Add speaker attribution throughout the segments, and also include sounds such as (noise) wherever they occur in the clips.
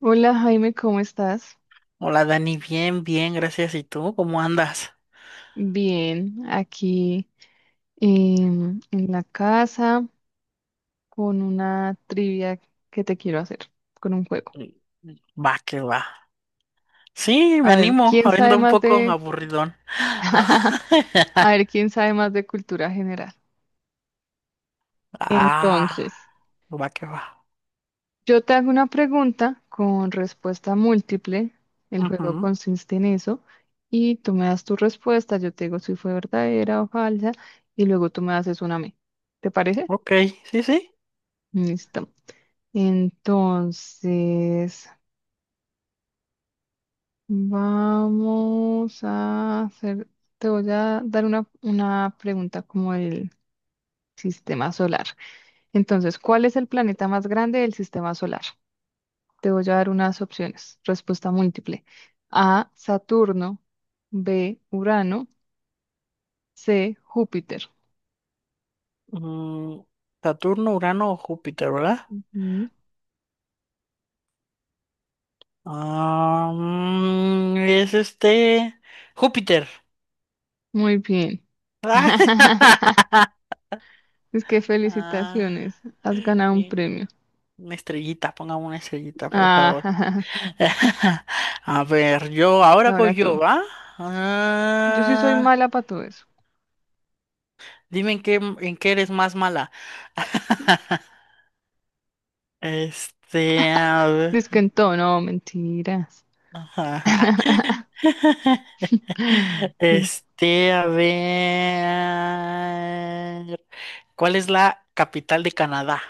Speaker 1: Hola Jaime, ¿cómo estás?
Speaker 2: Hola Dani, bien, bien, gracias. ¿Y tú cómo andas?
Speaker 1: Bien, aquí en la casa con una trivia que te quiero hacer, con un juego.
Speaker 2: Va, que va. Sí, me
Speaker 1: A ver,
Speaker 2: animo,
Speaker 1: ¿quién sabe
Speaker 2: abriendo un
Speaker 1: más
Speaker 2: poco
Speaker 1: de...
Speaker 2: aburridón.
Speaker 1: (laughs)
Speaker 2: (laughs)
Speaker 1: A ver, ¿quién sabe más de cultura general?
Speaker 2: Ah,
Speaker 1: Entonces,
Speaker 2: va, que va.
Speaker 1: yo te hago una pregunta con respuesta múltiple. El juego
Speaker 2: Ujú,
Speaker 1: consiste en eso. Y tú me das tu respuesta, yo te digo si fue verdadera o falsa, y luego tú me haces una a mí. ¿Te parece?
Speaker 2: ok, sí, sí.
Speaker 1: Listo. Entonces, vamos a hacer, te voy a dar una pregunta como el sistema solar. Entonces, ¿cuál es el planeta más grande del sistema solar? Te voy a dar unas opciones. Respuesta múltiple. A, Saturno. B, Urano. C, Júpiter.
Speaker 2: Mm, Saturno, Urano o Júpiter, ¿verdad?
Speaker 1: Mm.
Speaker 2: Ah, es este, Júpiter.
Speaker 1: Muy bien. (laughs)
Speaker 2: (laughs)
Speaker 1: Es que
Speaker 2: Ah,
Speaker 1: felicitaciones, has ganado un
Speaker 2: sí.
Speaker 1: premio.
Speaker 2: Una estrellita, pongamos una estrellita, por favor.
Speaker 1: Ah.
Speaker 2: (laughs) A ver, yo,
Speaker 1: (laughs) Y
Speaker 2: ahora
Speaker 1: ahora
Speaker 2: voy yo,
Speaker 1: tú.
Speaker 2: ¿va?
Speaker 1: Yo sí soy
Speaker 2: Ah,
Speaker 1: mala para todo eso.
Speaker 2: dime en qué eres más mala. (laughs) Este, a ver.
Speaker 1: Dice que en todo, no, mentiras.
Speaker 2: Ajá.
Speaker 1: (laughs)
Speaker 2: (laughs)
Speaker 1: Que,
Speaker 2: Este, a ver. ¿Cuál es la capital de Canadá?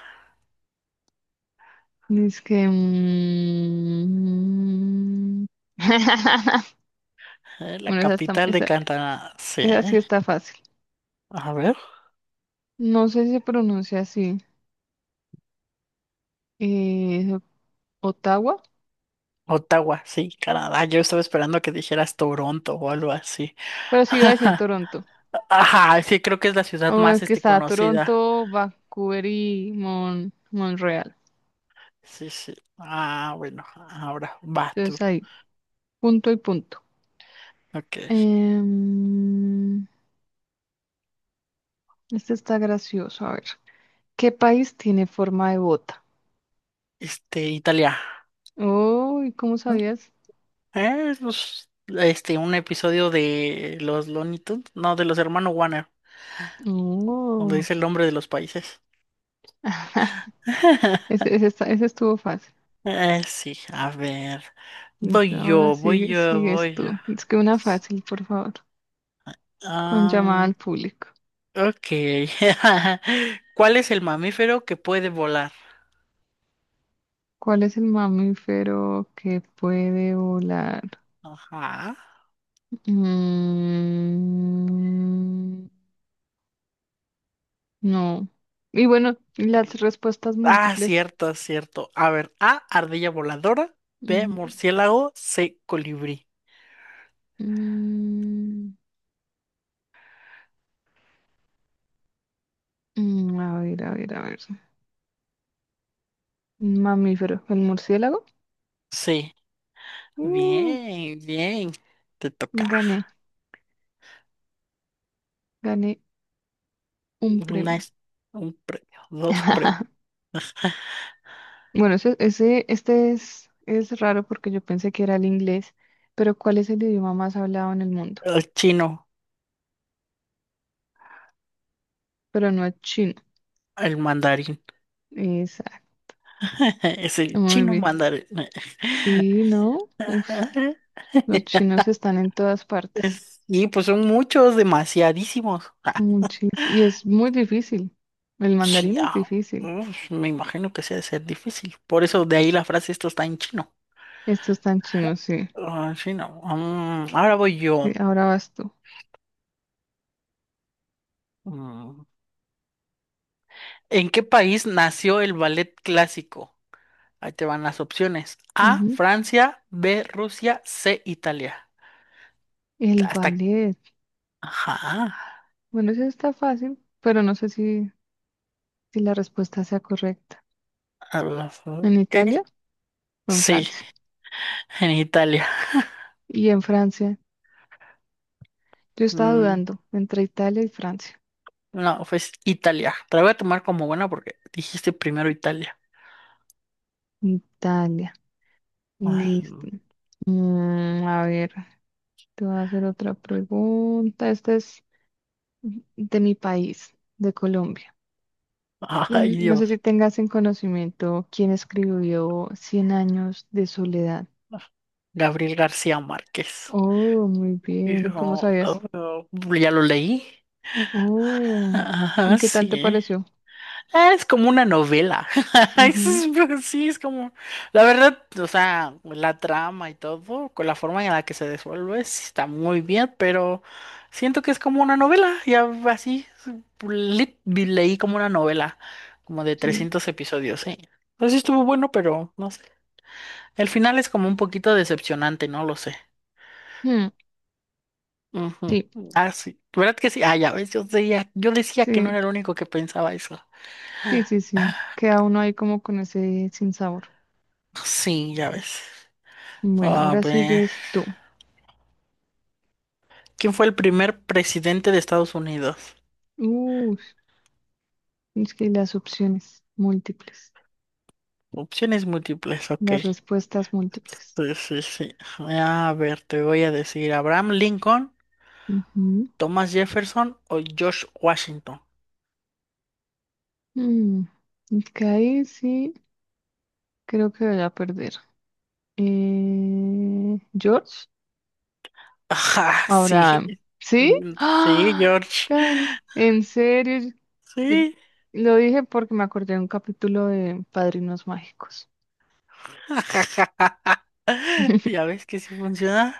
Speaker 1: dice que... (laughs)
Speaker 2: La
Speaker 1: Bueno,
Speaker 2: capital de
Speaker 1: esa,
Speaker 2: Canadá, sí.
Speaker 1: esa sí está fácil.
Speaker 2: A ver.
Speaker 1: No sé si se pronuncia así. eh, Ottawa,
Speaker 2: Ottawa, sí, Canadá. Yo estaba esperando que dijeras Toronto o algo así.
Speaker 1: pero sí iba a decir
Speaker 2: (laughs)
Speaker 1: Toronto.
Speaker 2: Ajá, sí, creo que es la
Speaker 1: O
Speaker 2: ciudad
Speaker 1: el
Speaker 2: más
Speaker 1: que está
Speaker 2: conocida.
Speaker 1: Toronto, Vancouver y Montreal.
Speaker 2: Sí, sí. Ah, bueno, ahora va tú.
Speaker 1: Entonces ahí, punto y punto.
Speaker 2: Ok.
Speaker 1: Em, este está gracioso, a ver. ¿Qué país tiene forma de bota?
Speaker 2: Italia.
Speaker 1: Uy, ¿cómo sabías?
Speaker 2: Pues, un episodio de los Looney Tunes, no, de los hermanos Warner, donde
Speaker 1: Oh.
Speaker 2: dice el nombre de los países.
Speaker 1: (laughs)
Speaker 2: (laughs)
Speaker 1: Ese estuvo fácil.
Speaker 2: Sí, a ver.
Speaker 1: Listo.
Speaker 2: Voy
Speaker 1: Ahora
Speaker 2: yo, voy
Speaker 1: sigue,
Speaker 2: yo,
Speaker 1: sigues
Speaker 2: voy yo.
Speaker 1: tú. Es que una fácil, por favor. Con llamada
Speaker 2: Ah,
Speaker 1: al público.
Speaker 2: ok. (laughs) ¿Cuál es el mamífero que puede volar?
Speaker 1: ¿Cuál es el mamífero que puede volar?
Speaker 2: Ajá.
Speaker 1: Mm, no. Y bueno, las respuestas
Speaker 2: Ah,
Speaker 1: múltiples.
Speaker 2: cierto, cierto. A ver, A, ardilla voladora, B,
Speaker 1: Ujú.
Speaker 2: murciélago, C, colibrí.
Speaker 1: Mm, a ver, a ver, a ver. Un mamífero. ¿El murciélago?
Speaker 2: Sí,
Speaker 1: Uh,
Speaker 2: bien, bien. Te toca.
Speaker 1: gané, gané un
Speaker 2: Una
Speaker 1: premio.
Speaker 2: es- un premio, dos premios.
Speaker 1: (laughs) Bueno, este es raro porque yo pensé que era el inglés, pero ¿cuál es el idioma más hablado en el mundo?
Speaker 2: El chino,
Speaker 1: Pero no es chino.
Speaker 2: el mandarín.
Speaker 1: Exacto.
Speaker 2: (laughs) Es el
Speaker 1: Muy
Speaker 2: chino
Speaker 1: bien.
Speaker 2: mandarín.
Speaker 1: Sí, ¿no? Uf,
Speaker 2: (laughs)
Speaker 1: los chinos están en todas partes.
Speaker 2: Y pues son muchos, demasiadísimos. Ah,
Speaker 1: Y es muy difícil. El mandarín es
Speaker 2: chiao.
Speaker 1: difícil.
Speaker 2: Uf, me imagino que sea de ser difícil. Por eso de ahí la frase esto está en chino.
Speaker 1: Estos tan chinos, sí.
Speaker 2: Ah, chino. Ahora voy
Speaker 1: Sí,
Speaker 2: yo.
Speaker 1: ahora vas tú.
Speaker 2: Mm. ¿En qué país nació el ballet clásico? Ahí te van las opciones. A,
Speaker 1: Ujú.
Speaker 2: Francia, B, Rusia, C, Italia.
Speaker 1: El
Speaker 2: Hasta.
Speaker 1: ballet.
Speaker 2: Ajá.
Speaker 1: Bueno, eso está fácil, pero no sé si si, la respuesta sea correcta.
Speaker 2: A, ok.
Speaker 1: ¿En Italia o en
Speaker 2: Sí,
Speaker 1: Francia?
Speaker 2: en Italia.
Speaker 1: Y en Francia, yo estaba
Speaker 2: Mm,
Speaker 1: dudando entre Italia y Francia.
Speaker 2: no, pues Italia. Te la voy a tomar como buena porque dijiste primero Italia.
Speaker 1: Italia,
Speaker 2: Ay,
Speaker 1: listo. A ver, te voy a hacer otra pregunta. Esta es de mi país, de Colombia. Y
Speaker 2: ay,
Speaker 1: no sé si
Speaker 2: Dios.
Speaker 1: tengas en conocimiento quién escribió Cien años de soledad.
Speaker 2: Gabriel García Márquez.
Speaker 1: Oh, muy
Speaker 2: Y
Speaker 1: bien. ¿Cómo
Speaker 2: yo,
Speaker 1: sabías?
Speaker 2: oh, ya lo leí.
Speaker 1: Oh, ¿y
Speaker 2: Ajá,
Speaker 1: qué tal te
Speaker 2: sí.
Speaker 1: pareció?
Speaker 2: Ah, es como una novela. (laughs)
Speaker 1: Ujú,
Speaker 2: Sí, es como. La verdad, o sea, la trama y todo, con la forma en la que se desenvuelve, sí está muy bien, pero siento que es como una novela. Ya así, le- leí como una novela, como de
Speaker 1: sí.
Speaker 2: 300 episodios, sí. Pues sí estuvo bueno, pero no sé. El final es como un poquito decepcionante, no lo sé.
Speaker 1: Mm,
Speaker 2: Ujú.
Speaker 1: sí,
Speaker 2: Ah, sí. ¿Verdad que sí? Ah, ya ves, yo decía que no
Speaker 1: sí.
Speaker 2: era el único que pensaba eso.
Speaker 1: Sí, sí, sí. Queda uno ahí como con ese sin sabor.
Speaker 2: Sí, ya ves.
Speaker 1: Bueno,
Speaker 2: A
Speaker 1: ahora
Speaker 2: ver.
Speaker 1: sigues tú.
Speaker 2: ¿Quién fue el primer presidente de Estados Unidos?
Speaker 1: Uh, es que las opciones múltiples,
Speaker 2: Opciones múltiples, ok.
Speaker 1: las respuestas múltiples.
Speaker 2: Sí, sí, sí. A ver, te voy a decir, ¿Abraham Lincoln,
Speaker 1: Ujú.
Speaker 2: Thomas Jefferson o George Washington?
Speaker 1: Mm, es que ahí sí creo que voy a perder. George,
Speaker 2: (laughs) Ajá, sí.
Speaker 1: ahora, ¿sí?
Speaker 2: Sí,
Speaker 1: ¡Ah!
Speaker 2: George.
Speaker 1: Gan- En serio, Yo-
Speaker 2: Sí.
Speaker 1: lo dije porque me acordé de un capítulo de Padrinos Mágicos.
Speaker 2: (laughs) Ya ves que sí funciona.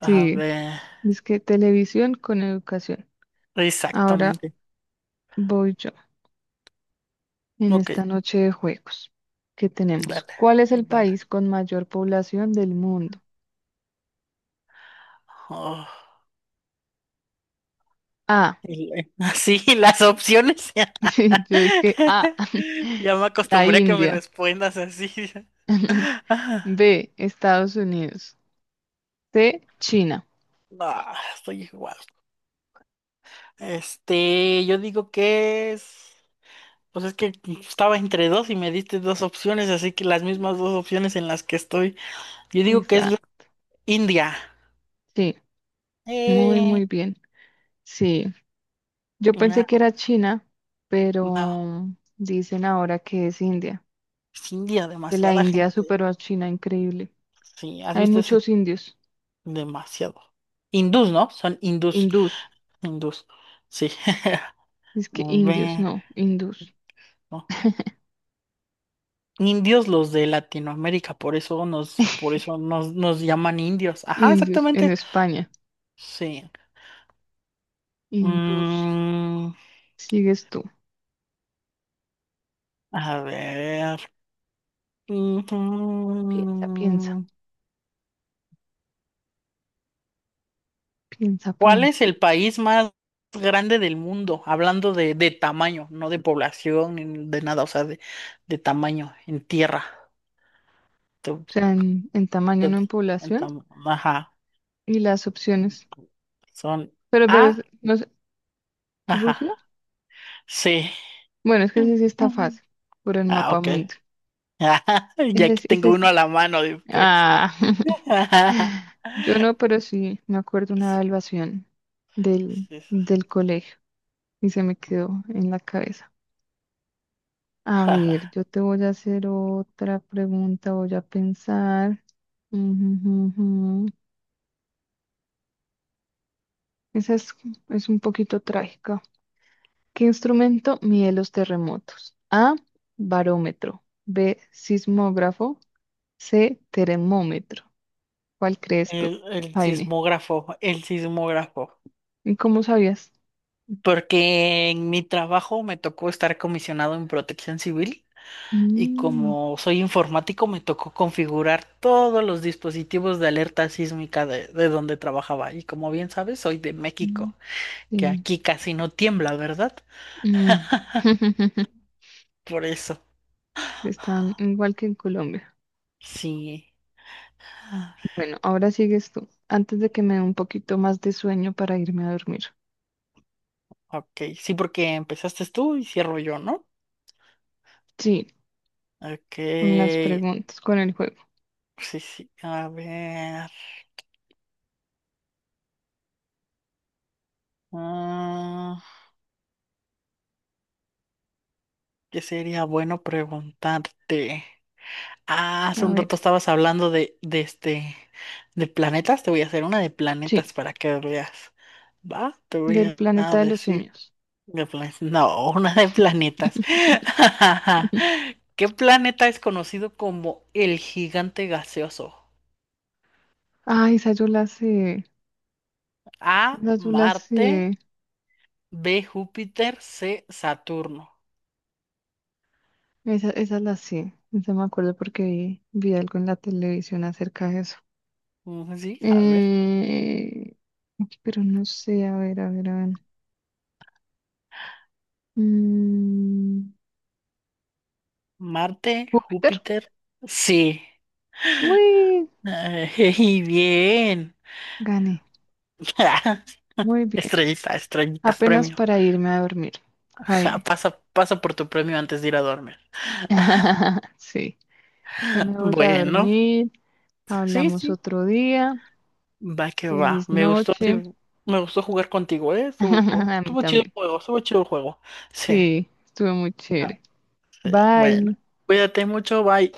Speaker 2: A
Speaker 1: Sí,
Speaker 2: ver,
Speaker 1: es que televisión con educación. Ahora
Speaker 2: exactamente.
Speaker 1: voy yo en
Speaker 2: Ok,
Speaker 1: esta noche de juegos que tenemos.
Speaker 2: dale,
Speaker 1: ¿Cuál es el
Speaker 2: dale.
Speaker 1: país con mayor población del mundo?
Speaker 2: Oh.
Speaker 1: A. (laughs)
Speaker 2: (laughs) Así, las opciones.
Speaker 1: Sí, yo es que A.
Speaker 2: (laughs) Ya
Speaker 1: (laughs)
Speaker 2: me
Speaker 1: La
Speaker 2: acostumbré a que me
Speaker 1: India.
Speaker 2: respondas así.
Speaker 1: (laughs)
Speaker 2: (laughs)
Speaker 1: B. Estados Unidos. C. China.
Speaker 2: No, estoy igual. Yo digo que es. Pues es que estaba entre dos y me diste dos opciones, así que las mismas dos opciones en las que estoy. Yo digo que es la
Speaker 1: Exacto.
Speaker 2: India.
Speaker 1: Sí, muy,
Speaker 2: Eh,
Speaker 1: muy bien. Sí, yo pensé que
Speaker 2: no,
Speaker 1: era China,
Speaker 2: no.
Speaker 1: pero dicen ahora que es India.
Speaker 2: Es India,
Speaker 1: Que la
Speaker 2: demasiada
Speaker 1: India
Speaker 2: gente.
Speaker 1: superó a China, increíble.
Speaker 2: Sí, has
Speaker 1: Hay
Speaker 2: visto ese
Speaker 1: muchos indios.
Speaker 2: demasiado. Hindús, ¿no? Son hindús.
Speaker 1: Hindús.
Speaker 2: Hindús. Sí.
Speaker 1: Es
Speaker 2: (laughs)
Speaker 1: que
Speaker 2: A
Speaker 1: indios,
Speaker 2: ver,
Speaker 1: no, hindús.
Speaker 2: ajá. Indios los de Latinoamérica, por eso nos llaman indios. Ajá,
Speaker 1: Indios en
Speaker 2: exactamente.
Speaker 1: España.
Speaker 2: Sí.
Speaker 1: Hindús.
Speaker 2: Mm,
Speaker 1: Sigues tú.
Speaker 2: a ver. Ujú.
Speaker 1: Piensa, piensa, piensa,
Speaker 2: ¿Cuál es
Speaker 1: piensa.
Speaker 2: el país más grande del mundo? Hablando de tamaño, no de población, ni de nada, o sea, de tamaño, en tierra. Tu-
Speaker 1: O sea, en tamaño,
Speaker 2: tu-
Speaker 1: no en población.
Speaker 2: ajá.
Speaker 1: Y las opciones.
Speaker 2: Son A,
Speaker 1: No sé,
Speaker 2: ajá,
Speaker 1: ¿Rusia?
Speaker 2: sí.
Speaker 1: Bueno, es que ese sí está
Speaker 2: Ujú.
Speaker 1: fácil. Por el
Speaker 2: Ah,
Speaker 1: mapa
Speaker 2: ok.
Speaker 1: mundi.
Speaker 2: (laughs) Ajá, y aquí tengo
Speaker 1: Ese,
Speaker 2: uno
Speaker 1: sí.
Speaker 2: a la mano después.
Speaker 1: Ah.
Speaker 2: (laughs) Ajá,
Speaker 1: (laughs) Yo no, pero sí me acuerdo una
Speaker 2: sí,
Speaker 1: evaluación
Speaker 2: sí,
Speaker 1: del colegio y se me quedó en la cabeza. A
Speaker 2: ajá.
Speaker 1: ver, yo te voy a hacer otra pregunta, voy a pensar. Ujú, ujú, ujú. Esa es, es un poquito trágica. ¿Qué instrumento mide los terremotos? A, barómetro. B, sismógrafo. C, termómetro. ¿Cuál crees tú,
Speaker 2: El
Speaker 1: Jaime?
Speaker 2: sismógrafo, el sismógrafo.
Speaker 1: ¿Y cómo sabías?
Speaker 2: Porque en mi trabajo me tocó estar comisionado en Protección Civil y
Speaker 1: Mm,
Speaker 2: como soy informático me tocó configurar todos los dispositivos de alerta sísmica de donde trabajaba. Y como bien sabes, soy de
Speaker 1: mm,
Speaker 2: México, que
Speaker 1: sí.
Speaker 2: aquí casi no tiembla, ¿verdad?
Speaker 1: Mm.
Speaker 2: (laughs)
Speaker 1: (laughs)
Speaker 2: Por eso,
Speaker 1: Están igual que en Colombia.
Speaker 2: sí.
Speaker 1: Bueno, ahora sigues tú, antes de que me dé un poquito más de sueño para irme a dormir.
Speaker 2: Ok, sí, porque empezaste tú y cierro yo, ¿no?
Speaker 1: Sí,
Speaker 2: Ok,
Speaker 1: con las preguntas, con el juego.
Speaker 2: sí, sí, a ver. Ah, ¿qué sería bueno preguntarte? Ah, hace
Speaker 1: A
Speaker 2: un
Speaker 1: ver,
Speaker 2: rato estabas hablando de este, de planetas. Te voy a hacer una de
Speaker 1: sí,
Speaker 2: planetas para que veas. ¿Va? Te voy
Speaker 1: del
Speaker 2: a
Speaker 1: planeta de los
Speaker 2: decir
Speaker 1: simios.
Speaker 2: de planetas. (laughs) No, una de planetas.
Speaker 1: (laughs)
Speaker 2: (laughs) ¿Qué planeta es conocido como el gigante gaseoso?
Speaker 1: Ay, esa yo la sé.
Speaker 2: A,
Speaker 1: Esa yo la
Speaker 2: Marte.
Speaker 1: sé.
Speaker 2: B, Júpiter, C, Saturno.
Speaker 1: Esa la sé. Esa me acuerdo porque vi algo en la televisión acerca de eso.
Speaker 2: Sí, a ver.
Speaker 1: Eh, pero no sé, a ver, a ver, a ver. Mm,
Speaker 2: Marte,
Speaker 1: ¿Júpiter?
Speaker 2: Júpiter, sí.
Speaker 1: Uy,
Speaker 2: Ay, (laughs) bien.
Speaker 1: gané.
Speaker 2: (laughs)
Speaker 1: Muy bien.
Speaker 2: Estrellita, estrellita,
Speaker 1: Apenas
Speaker 2: premio.
Speaker 1: para irme a dormir,
Speaker 2: Ja,
Speaker 1: Jaime.
Speaker 2: pasa, pasa por tu premio antes de ir a dormir.
Speaker 1: (laughs) Sí, ya me voy a
Speaker 2: Bueno,
Speaker 1: dormir.
Speaker 2: sí,
Speaker 1: Hablamos
Speaker 2: sí.
Speaker 1: otro día.
Speaker 2: Va que va.
Speaker 1: Feliz
Speaker 2: Me gustó, sí,
Speaker 1: noche.
Speaker 2: me gustó jugar contigo, ¿eh? Estuvo,
Speaker 1: (laughs) A mí
Speaker 2: estuvo chido el
Speaker 1: también.
Speaker 2: juego, estuvo chido el juego. Sí.
Speaker 1: Sí, estuvo muy
Speaker 2: Ah,
Speaker 1: chévere.
Speaker 2: sí.
Speaker 1: Bye.
Speaker 2: Bueno, cuídate mucho, bye.